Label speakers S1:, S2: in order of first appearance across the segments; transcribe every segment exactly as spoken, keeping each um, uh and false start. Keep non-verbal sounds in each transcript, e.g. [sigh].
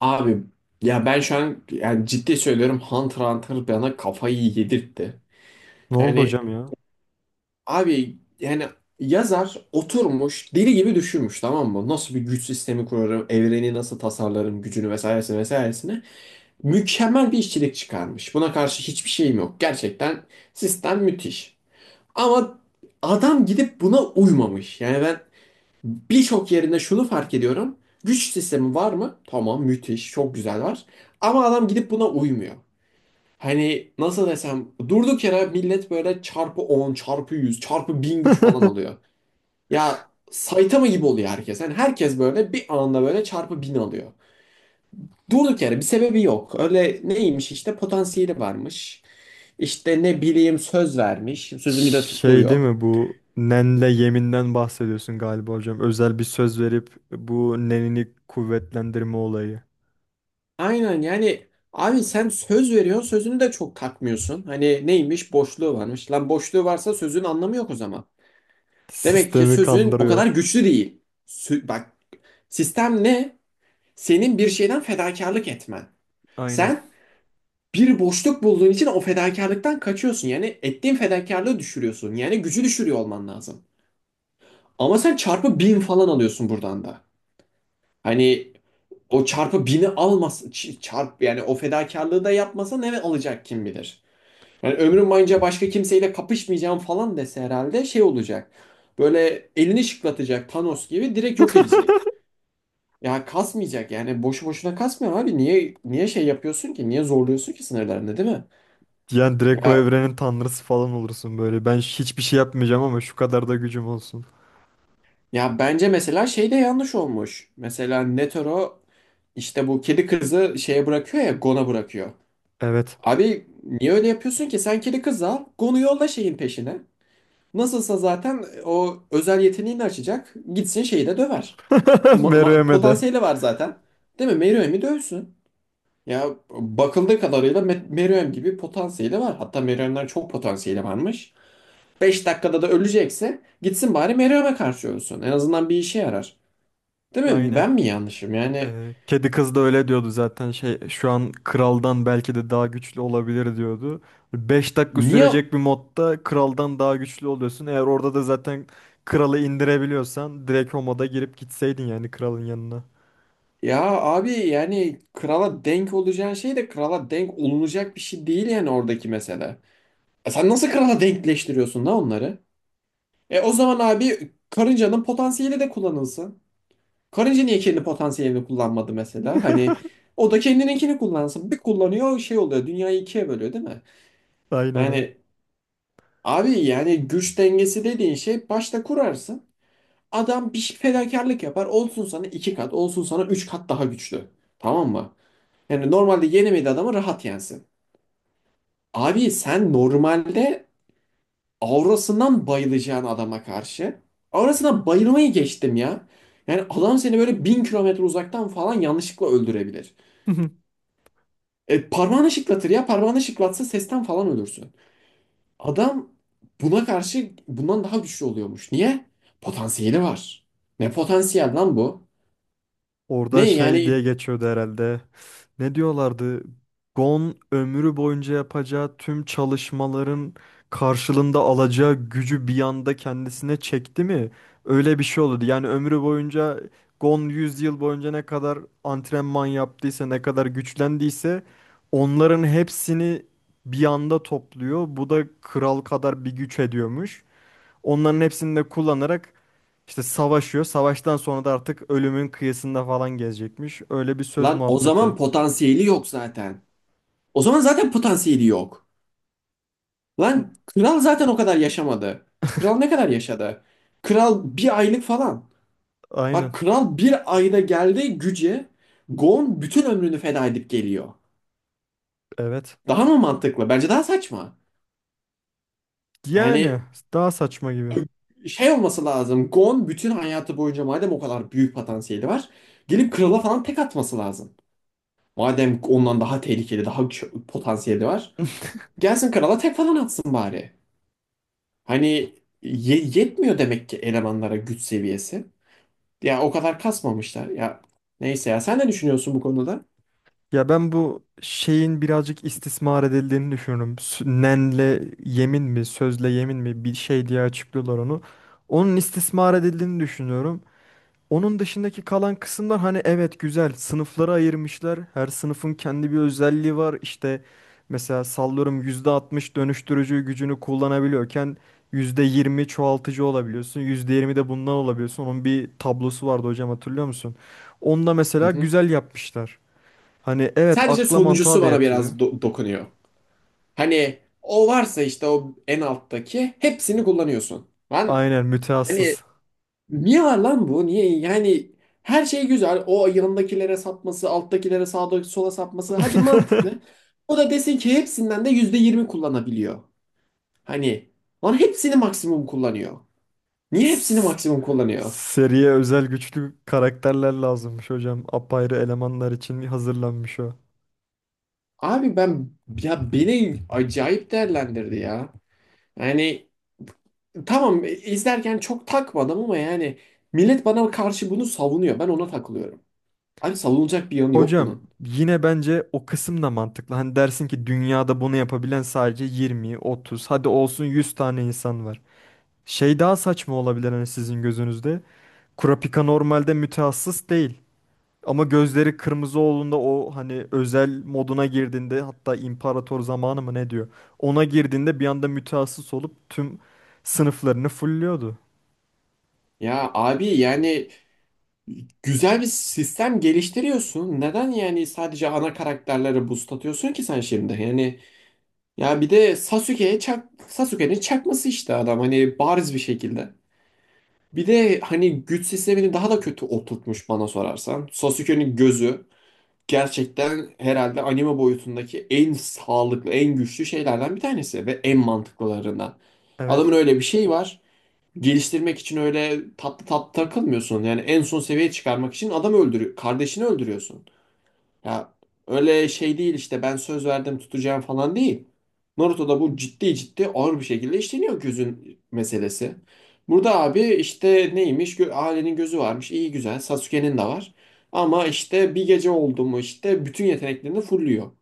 S1: Abi ya ben şu an yani ciddi söylüyorum Hunter x Hunter bana kafayı yedirtti.
S2: Ne oldu
S1: Yani
S2: hocam ya?
S1: abi yani yazar oturmuş deli gibi düşünmüş, tamam mı? Nasıl bir güç sistemi kurarım, evreni nasıl tasarlarım, gücünü vesairesine vesairesine. Mükemmel bir işçilik çıkarmış. Buna karşı hiçbir şeyim yok. Gerçekten sistem müthiş. Ama adam gidip buna uymamış. Yani ben birçok yerinde şunu fark ediyorum. Güç sistemi var mı? Tamam, müthiş, çok güzel var. Ama adam gidip buna uymuyor. Hani nasıl desem, durduk yere millet böyle çarpı on çarpı yüz çarpı bin güç falan alıyor.
S2: [laughs]
S1: Ya Saitama gibi oluyor herkes. Yani herkes böyle bir anda böyle çarpı bin alıyor. Durduk yere bir sebebi yok. Öyle neymiş, işte potansiyeli varmış. İşte ne bileyim, söz vermiş. Sözünü de tuttuğu
S2: Şey değil
S1: yok.
S2: mi, bu nenle yeminden bahsediyorsun galiba hocam. Özel bir söz verip bu nenini kuvvetlendirme olayı.
S1: Aynen yani, abi sen söz veriyorsun, sözünü de çok takmıyorsun. Hani neymiş, boşluğu varmış. Lan, boşluğu varsa sözün anlamı yok o zaman. Demek ki
S2: Sistemi
S1: sözün o kadar
S2: kandırıyor.
S1: güçlü değil. Sü- bak, sistem ne? Senin bir şeyden fedakarlık etmen.
S2: Aynen.
S1: Sen bir boşluk bulduğun için o fedakarlıktan kaçıyorsun. Yani ettiğin fedakarlığı düşürüyorsun. Yani gücü düşürüyor olman lazım. Ama sen çarpı bin falan alıyorsun buradan da. Hani o çarpı bini almas ç- çarp yani o fedakarlığı da yapmasa ne alacak kim bilir. Yani ömrüm boyunca başka kimseyle kapışmayacağım falan dese herhalde şey olacak. Böyle elini şıklatacak, Thanos gibi direkt yok edecek. Ya kasmayacak yani, boşu boşuna kasmıyor abi. Niye niye şey yapıyorsun ki? Niye zorluyorsun ki sınırlarını, değil mi?
S2: Yani direkt o
S1: Ya
S2: evrenin tanrısı falan olursun böyle. Ben hiçbir şey yapmayacağım ama şu kadar da gücüm olsun.
S1: ya bence mesela şey de yanlış olmuş. Mesela Netero işte bu kedi kızı şeye bırakıyor ya, Gon'a bırakıyor.
S2: Evet.
S1: Abi niye öyle yapıyorsun ki? Sen kedi kızı al, Gon'u yolla şeyin peşine. Nasılsa zaten o özel yeteneğini açacak. Gitsin şeyi de döver.
S2: [laughs]
S1: Ma- ma-
S2: Meruem'e de.
S1: potansiyeli var zaten. Değil mi? Meruem'i dövsün. Ya bakıldığı kadarıyla Me- Meruem gibi potansiyeli var. Hatta Meruem'den çok potansiyeli varmış. Beş dakikada da ölecekse gitsin bari Meruem'e karşı ölsün. En azından bir işe yarar. Değil mi?
S2: Aynen.
S1: Ben mi yanlışım? Yani
S2: Ee, kedi kız da öyle diyordu zaten, şey, şu an kraldan belki de daha güçlü olabilir diyordu. Beş dakika
S1: niye,
S2: sürecek bir modda kraldan daha güçlü oluyorsun. Eğer orada da zaten kralı indirebiliyorsan direkt o moda girip gitseydin yani kralın yanına.
S1: ya abi yani krala denk olacağın şey de krala denk olunacak bir şey değil yani, oradaki mesele. E sen nasıl krala denkleştiriyorsun da onları? E o zaman abi karıncanın potansiyeli de kullanılsın. Karınca niye kendi potansiyelini kullanmadı mesela? Hani
S2: [laughs]
S1: o da kendininkini kullansın. Bir kullanıyor şey oluyor. Dünyayı ikiye bölüyor, değil mi?
S2: Aynen aynen.
S1: Yani abi yani güç dengesi dediğin şey başta kurarsın. Adam bir şey- fedakarlık yapar. Olsun sana iki kat, olsun sana üç kat daha güçlü. Tamam mı? Yani normalde yenemediği adamı rahat yensin. Abi sen normalde aurasından bayılacağın adama karşı. Aurasına bayılmayı geçtim ya. Yani adam seni böyle bin kilometre uzaktan falan yanlışlıkla öldürebilir.
S2: [laughs]
S1: E, parmağını şıklatır ya. Parmağını şıklatsa sesten falan ölürsün. Adam buna karşı bundan daha güçlü oluyormuş. Niye? Potansiyeli var. Ne potansiyel lan bu? Ne
S2: Orada şey diye
S1: yani,
S2: geçiyordu herhalde. Ne diyorlardı? Gon ömrü boyunca yapacağı tüm çalışmaların karşılığında alacağı gücü bir anda kendisine çekti mi? Öyle bir şey olurdu. Yani ömrü boyunca Gon yüz yıl boyunca ne kadar antrenman yaptıysa, ne kadar güçlendiyse onların hepsini bir anda topluyor. Bu da kral kadar bir güç ediyormuş. Onların hepsini de kullanarak işte savaşıyor. Savaştan sonra da artık ölümün kıyısında falan gezecekmiş. Öyle bir söz
S1: lan o
S2: muhabbeti.
S1: zaman potansiyeli yok zaten. O zaman zaten potansiyeli yok. Lan
S2: [laughs]
S1: kral zaten o kadar yaşamadı. Kral ne kadar yaşadı? Kral bir aylık falan. Bak,
S2: Aynen.
S1: kral bir ayda geldi güce. Gon bütün ömrünü feda edip geliyor.
S2: Evet.
S1: Daha mı mantıklı? Bence daha saçma. Yani
S2: Yani daha saçma gibi.
S1: şey olması lazım. Gon bütün hayatı boyunca madem o kadar büyük potansiyeli var, gelip krala falan tek atması lazım. Madem ondan daha tehlikeli, daha ç- potansiyeli var,
S2: [laughs]
S1: gelsin krala tek falan atsın bari. Hani ye- yetmiyor demek ki elemanlara güç seviyesi. Ya o kadar kasmamışlar. Ya neyse, ya sen ne düşünüyorsun bu konuda?
S2: Ya ben bu şeyin birazcık istismar edildiğini düşünüyorum. Sü- Nenle yemin mi, sözle yemin mi bir şey diye açıklıyorlar onu. Onun istismar edildiğini düşünüyorum. Onun dışındaki kalan kısımlar, hani, evet, güzel sınıflara ayırmışlar. Her sınıfın kendi bir özelliği var. İşte mesela sallıyorum, yüzde altmış dönüştürücü gücünü kullanabiliyorken yüzde yirmi çoğaltıcı olabiliyorsun. yüzde yirmi de bundan olabiliyorsun. Onun bir tablosu vardı hocam, hatırlıyor musun? Onu da
S1: Hı
S2: mesela
S1: hı.
S2: güzel yapmışlar. Hani evet,
S1: Sadece
S2: akla
S1: sonuncusu
S2: mantığa da
S1: bana
S2: yatıyor.
S1: biraz do- dokunuyor. Hani o varsa işte o en alttaki hepsini kullanıyorsun. Ben
S2: Aynen,
S1: hani
S2: mütehassıs.
S1: Niye var lan bu? Niye? Yani her şey güzel. O yanındakilere sapması, alttakilere sağa sola sapması. Hadi, mantıklı. O da desin ki hepsinden de yüzde yirmi kullanabiliyor. Hani lan hepsini maksimum kullanıyor. Niye hepsini
S2: S-
S1: maksimum kullanıyor?
S2: Seriye özel güçlü karakterler lazımmış hocam. Apayrı elemanlar için hazırlanmış o.
S1: Abi ben, ya beni acayip değerlendirdi ya. Yani tamam, e, izlerken çok takmadım ama yani millet bana karşı bunu savunuyor. Ben ona takılıyorum. Abi savunulacak bir yanı yok
S2: Hocam
S1: bunun.
S2: yine bence o kısım da mantıklı. Hani dersin ki dünyada bunu yapabilen sadece yirmi, otuz, hadi olsun yüz tane insan var. Şey daha saçma olabilir hani sizin gözünüzde. Kurapika normalde mütehassıs değil. Ama gözleri kırmızı olduğunda o, hani, özel moduna girdiğinde, hatta imparator zamanı mı ne diyor? Ona girdiğinde bir anda mütehassıs olup tüm sınıflarını fulluyordu.
S1: Ya abi yani güzel bir sistem geliştiriyorsun. Neden yani sadece ana karakterlere boost atıyorsun ki sen şimdi? Yani ya bir de Sasuke'ye çak, Sasuke'nin çakması işte adam hani bariz bir şekilde. Bir de hani güç sistemini daha da kötü oturtmuş bana sorarsan. Sasuke'nin gözü gerçekten herhalde anime boyutundaki en sağlıklı, en güçlü şeylerden bir tanesi ve en mantıklılarından. Adamın
S2: Evet,
S1: öyle bir şeyi var, geliştirmek için öyle tatlı tatlı takılmıyorsun. Yani en son seviyeye çıkarmak için adam öldürüyor. Kardeşini öldürüyorsun. Ya öyle şey değil işte, ben söz verdim tutacağım falan değil. Naruto'da bu ciddi ciddi ağır bir şekilde işleniyor gözün meselesi. Burada abi işte neymiş? Gö- Ailenin gözü varmış. İyi güzel. Sasuke'nin de var. Ama işte bir gece oldu mu işte bütün yeteneklerini fulluyor.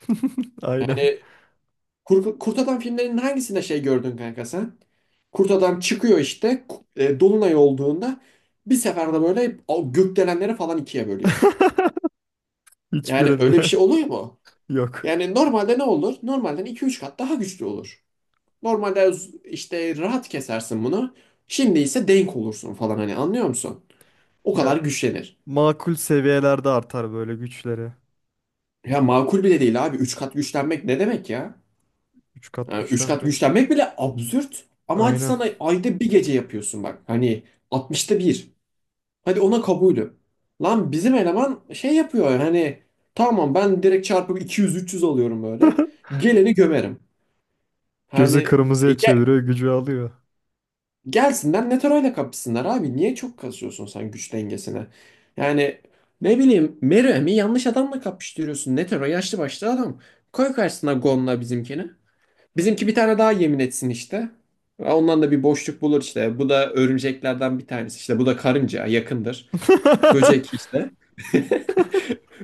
S2: [laughs] aynen.
S1: Kur- Kurt Adam filmlerinin hangisinde şey gördün kanka sen? Kurt Adam çıkıyor işte ku- e, Dolunay olduğunda bir seferde böyle o gökdelenleri falan ikiye bölüyor.
S2: [laughs]
S1: Yani öyle bir
S2: Hiçbirinde
S1: şey oluyor mu?
S2: [laughs] yok.
S1: Yani normalde ne olur? Normalden iki üç kat daha güçlü olur. Normalde z- işte rahat kesersin bunu. Şimdi ise denk olursun falan, hani anlıyor musun? O
S2: Ya
S1: kadar güçlenir.
S2: makul seviyelerde artar böyle güçleri.
S1: Ya makul bile değil abi. Üç kat güçlenmek ne demek ya?
S2: Üç kat
S1: Yani üç kat
S2: güçlenmek.
S1: güçlenmek bile absürt. Ama hadi
S2: Aynen.
S1: sana ayda bir gece yapıyorsun bak. Hani altmışta bir. Hadi ona kabulü. Lan bizim eleman şey yapıyor, hani tamam ben direkt çarpı iki yüz üç yüz alıyorum böyle. Geleni gömerim.
S2: Gözü
S1: Hani e,
S2: kırmızıya
S1: ge-
S2: çeviriyor, gücü alıyor.
S1: gelsinler Netaro'yla kapışsınlar abi. Niye çok kasıyorsun sen güç dengesine? Yani ne bileyim Meruem'i yanlış adamla kapıştırıyorsun. Netero yaşlı başlı adam. Koy karşısına Gon'la bizimkini. Bizimki bir tane daha yemin etsin işte. Ondan da bir boşluk bulur işte. Bu da örümceklerden bir tanesi işte. Bu da karınca yakındır. Böcek
S2: [laughs]
S1: işte. [laughs]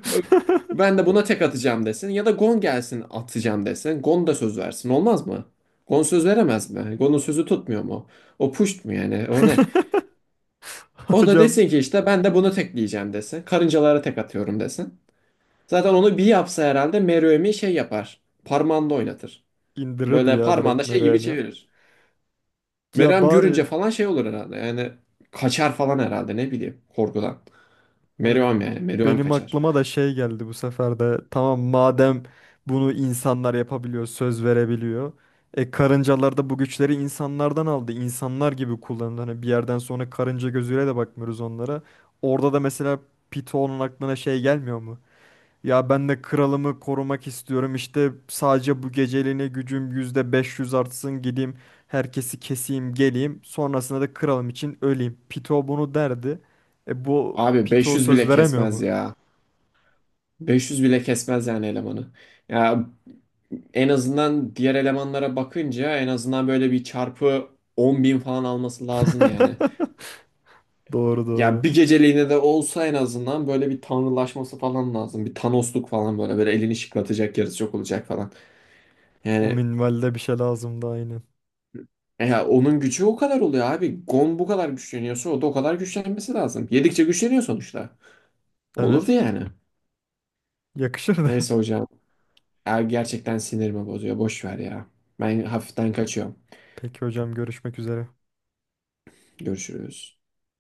S1: Ben de buna tek atacağım desin. Ya da Gon gelsin atacağım desin. Gon da söz versin. Olmaz mı? Gon söz veremez mi? Gon'un sözü tutmuyor mu? O puşt mu yani? O ne? O da
S2: Hocam
S1: desin ki işte, ben de bunu tekleyeceğim desin. Karıncalara tek atıyorum desin. Zaten onu bir yapsa herhalde Meruem'i şey yapar. Parmağında oynatır.
S2: indirirdi
S1: Böyle
S2: ya direkt
S1: parmağında şey gibi
S2: Meruem'i.
S1: çevirir.
S2: Ya
S1: Meryem görünce
S2: bari,
S1: falan şey olur herhalde. Yani kaçar falan herhalde, ne bileyim, korkudan.
S2: hani,
S1: Meryem yani Meryem
S2: benim
S1: kaçar.
S2: aklıma da şey geldi bu sefer de. Tamam, madem bunu insanlar yapabiliyor, söz verebiliyor. E karıncalar da bu güçleri insanlardan aldı. İnsanlar gibi kullanıldı. Hani bir yerden sonra karınca gözüyle de bakmıyoruz onlara. Orada da mesela Pito'nun aklına şey gelmiyor mu? Ya ben de kralımı korumak istiyorum. İşte sadece bu geceliğine gücüm yüzde beş yüz artsın, gideyim. Herkesi keseyim, geleyim. Sonrasında da kralım için öleyim. Pito bunu derdi. E bu
S1: Abi
S2: Pito
S1: beş yüz
S2: söz
S1: bile
S2: veremiyor
S1: kesmez
S2: mu?
S1: ya. beş yüz bile kesmez yani elemanı. Ya en azından diğer elemanlara bakınca en azından böyle bir çarpı on bin falan alması lazım yani.
S2: [laughs] Doğru doğru.
S1: Ya bir geceliğine de olsa en azından böyle bir tanrılaşması falan lazım. Bir Thanos'luk falan, böyle böyle elini şıklatacak yarısı çok olacak falan.
S2: O
S1: Yani,
S2: minvalde bir şey lazımdı aynen.
S1: e ya onun gücü o kadar oluyor abi. Gon bu kadar güçleniyorsa o da o kadar güçlenmesi lazım. Yedikçe güçleniyor sonuçta. Olurdu
S2: Evet.
S1: yani.
S2: Yakışır da.
S1: Neyse hocam. Ya gerçekten sinirimi bozuyor. Boş ver ya. Ben hafiften kaçıyorum.
S2: [laughs] Peki hocam, görüşmek üzere.
S1: Görüşürüz.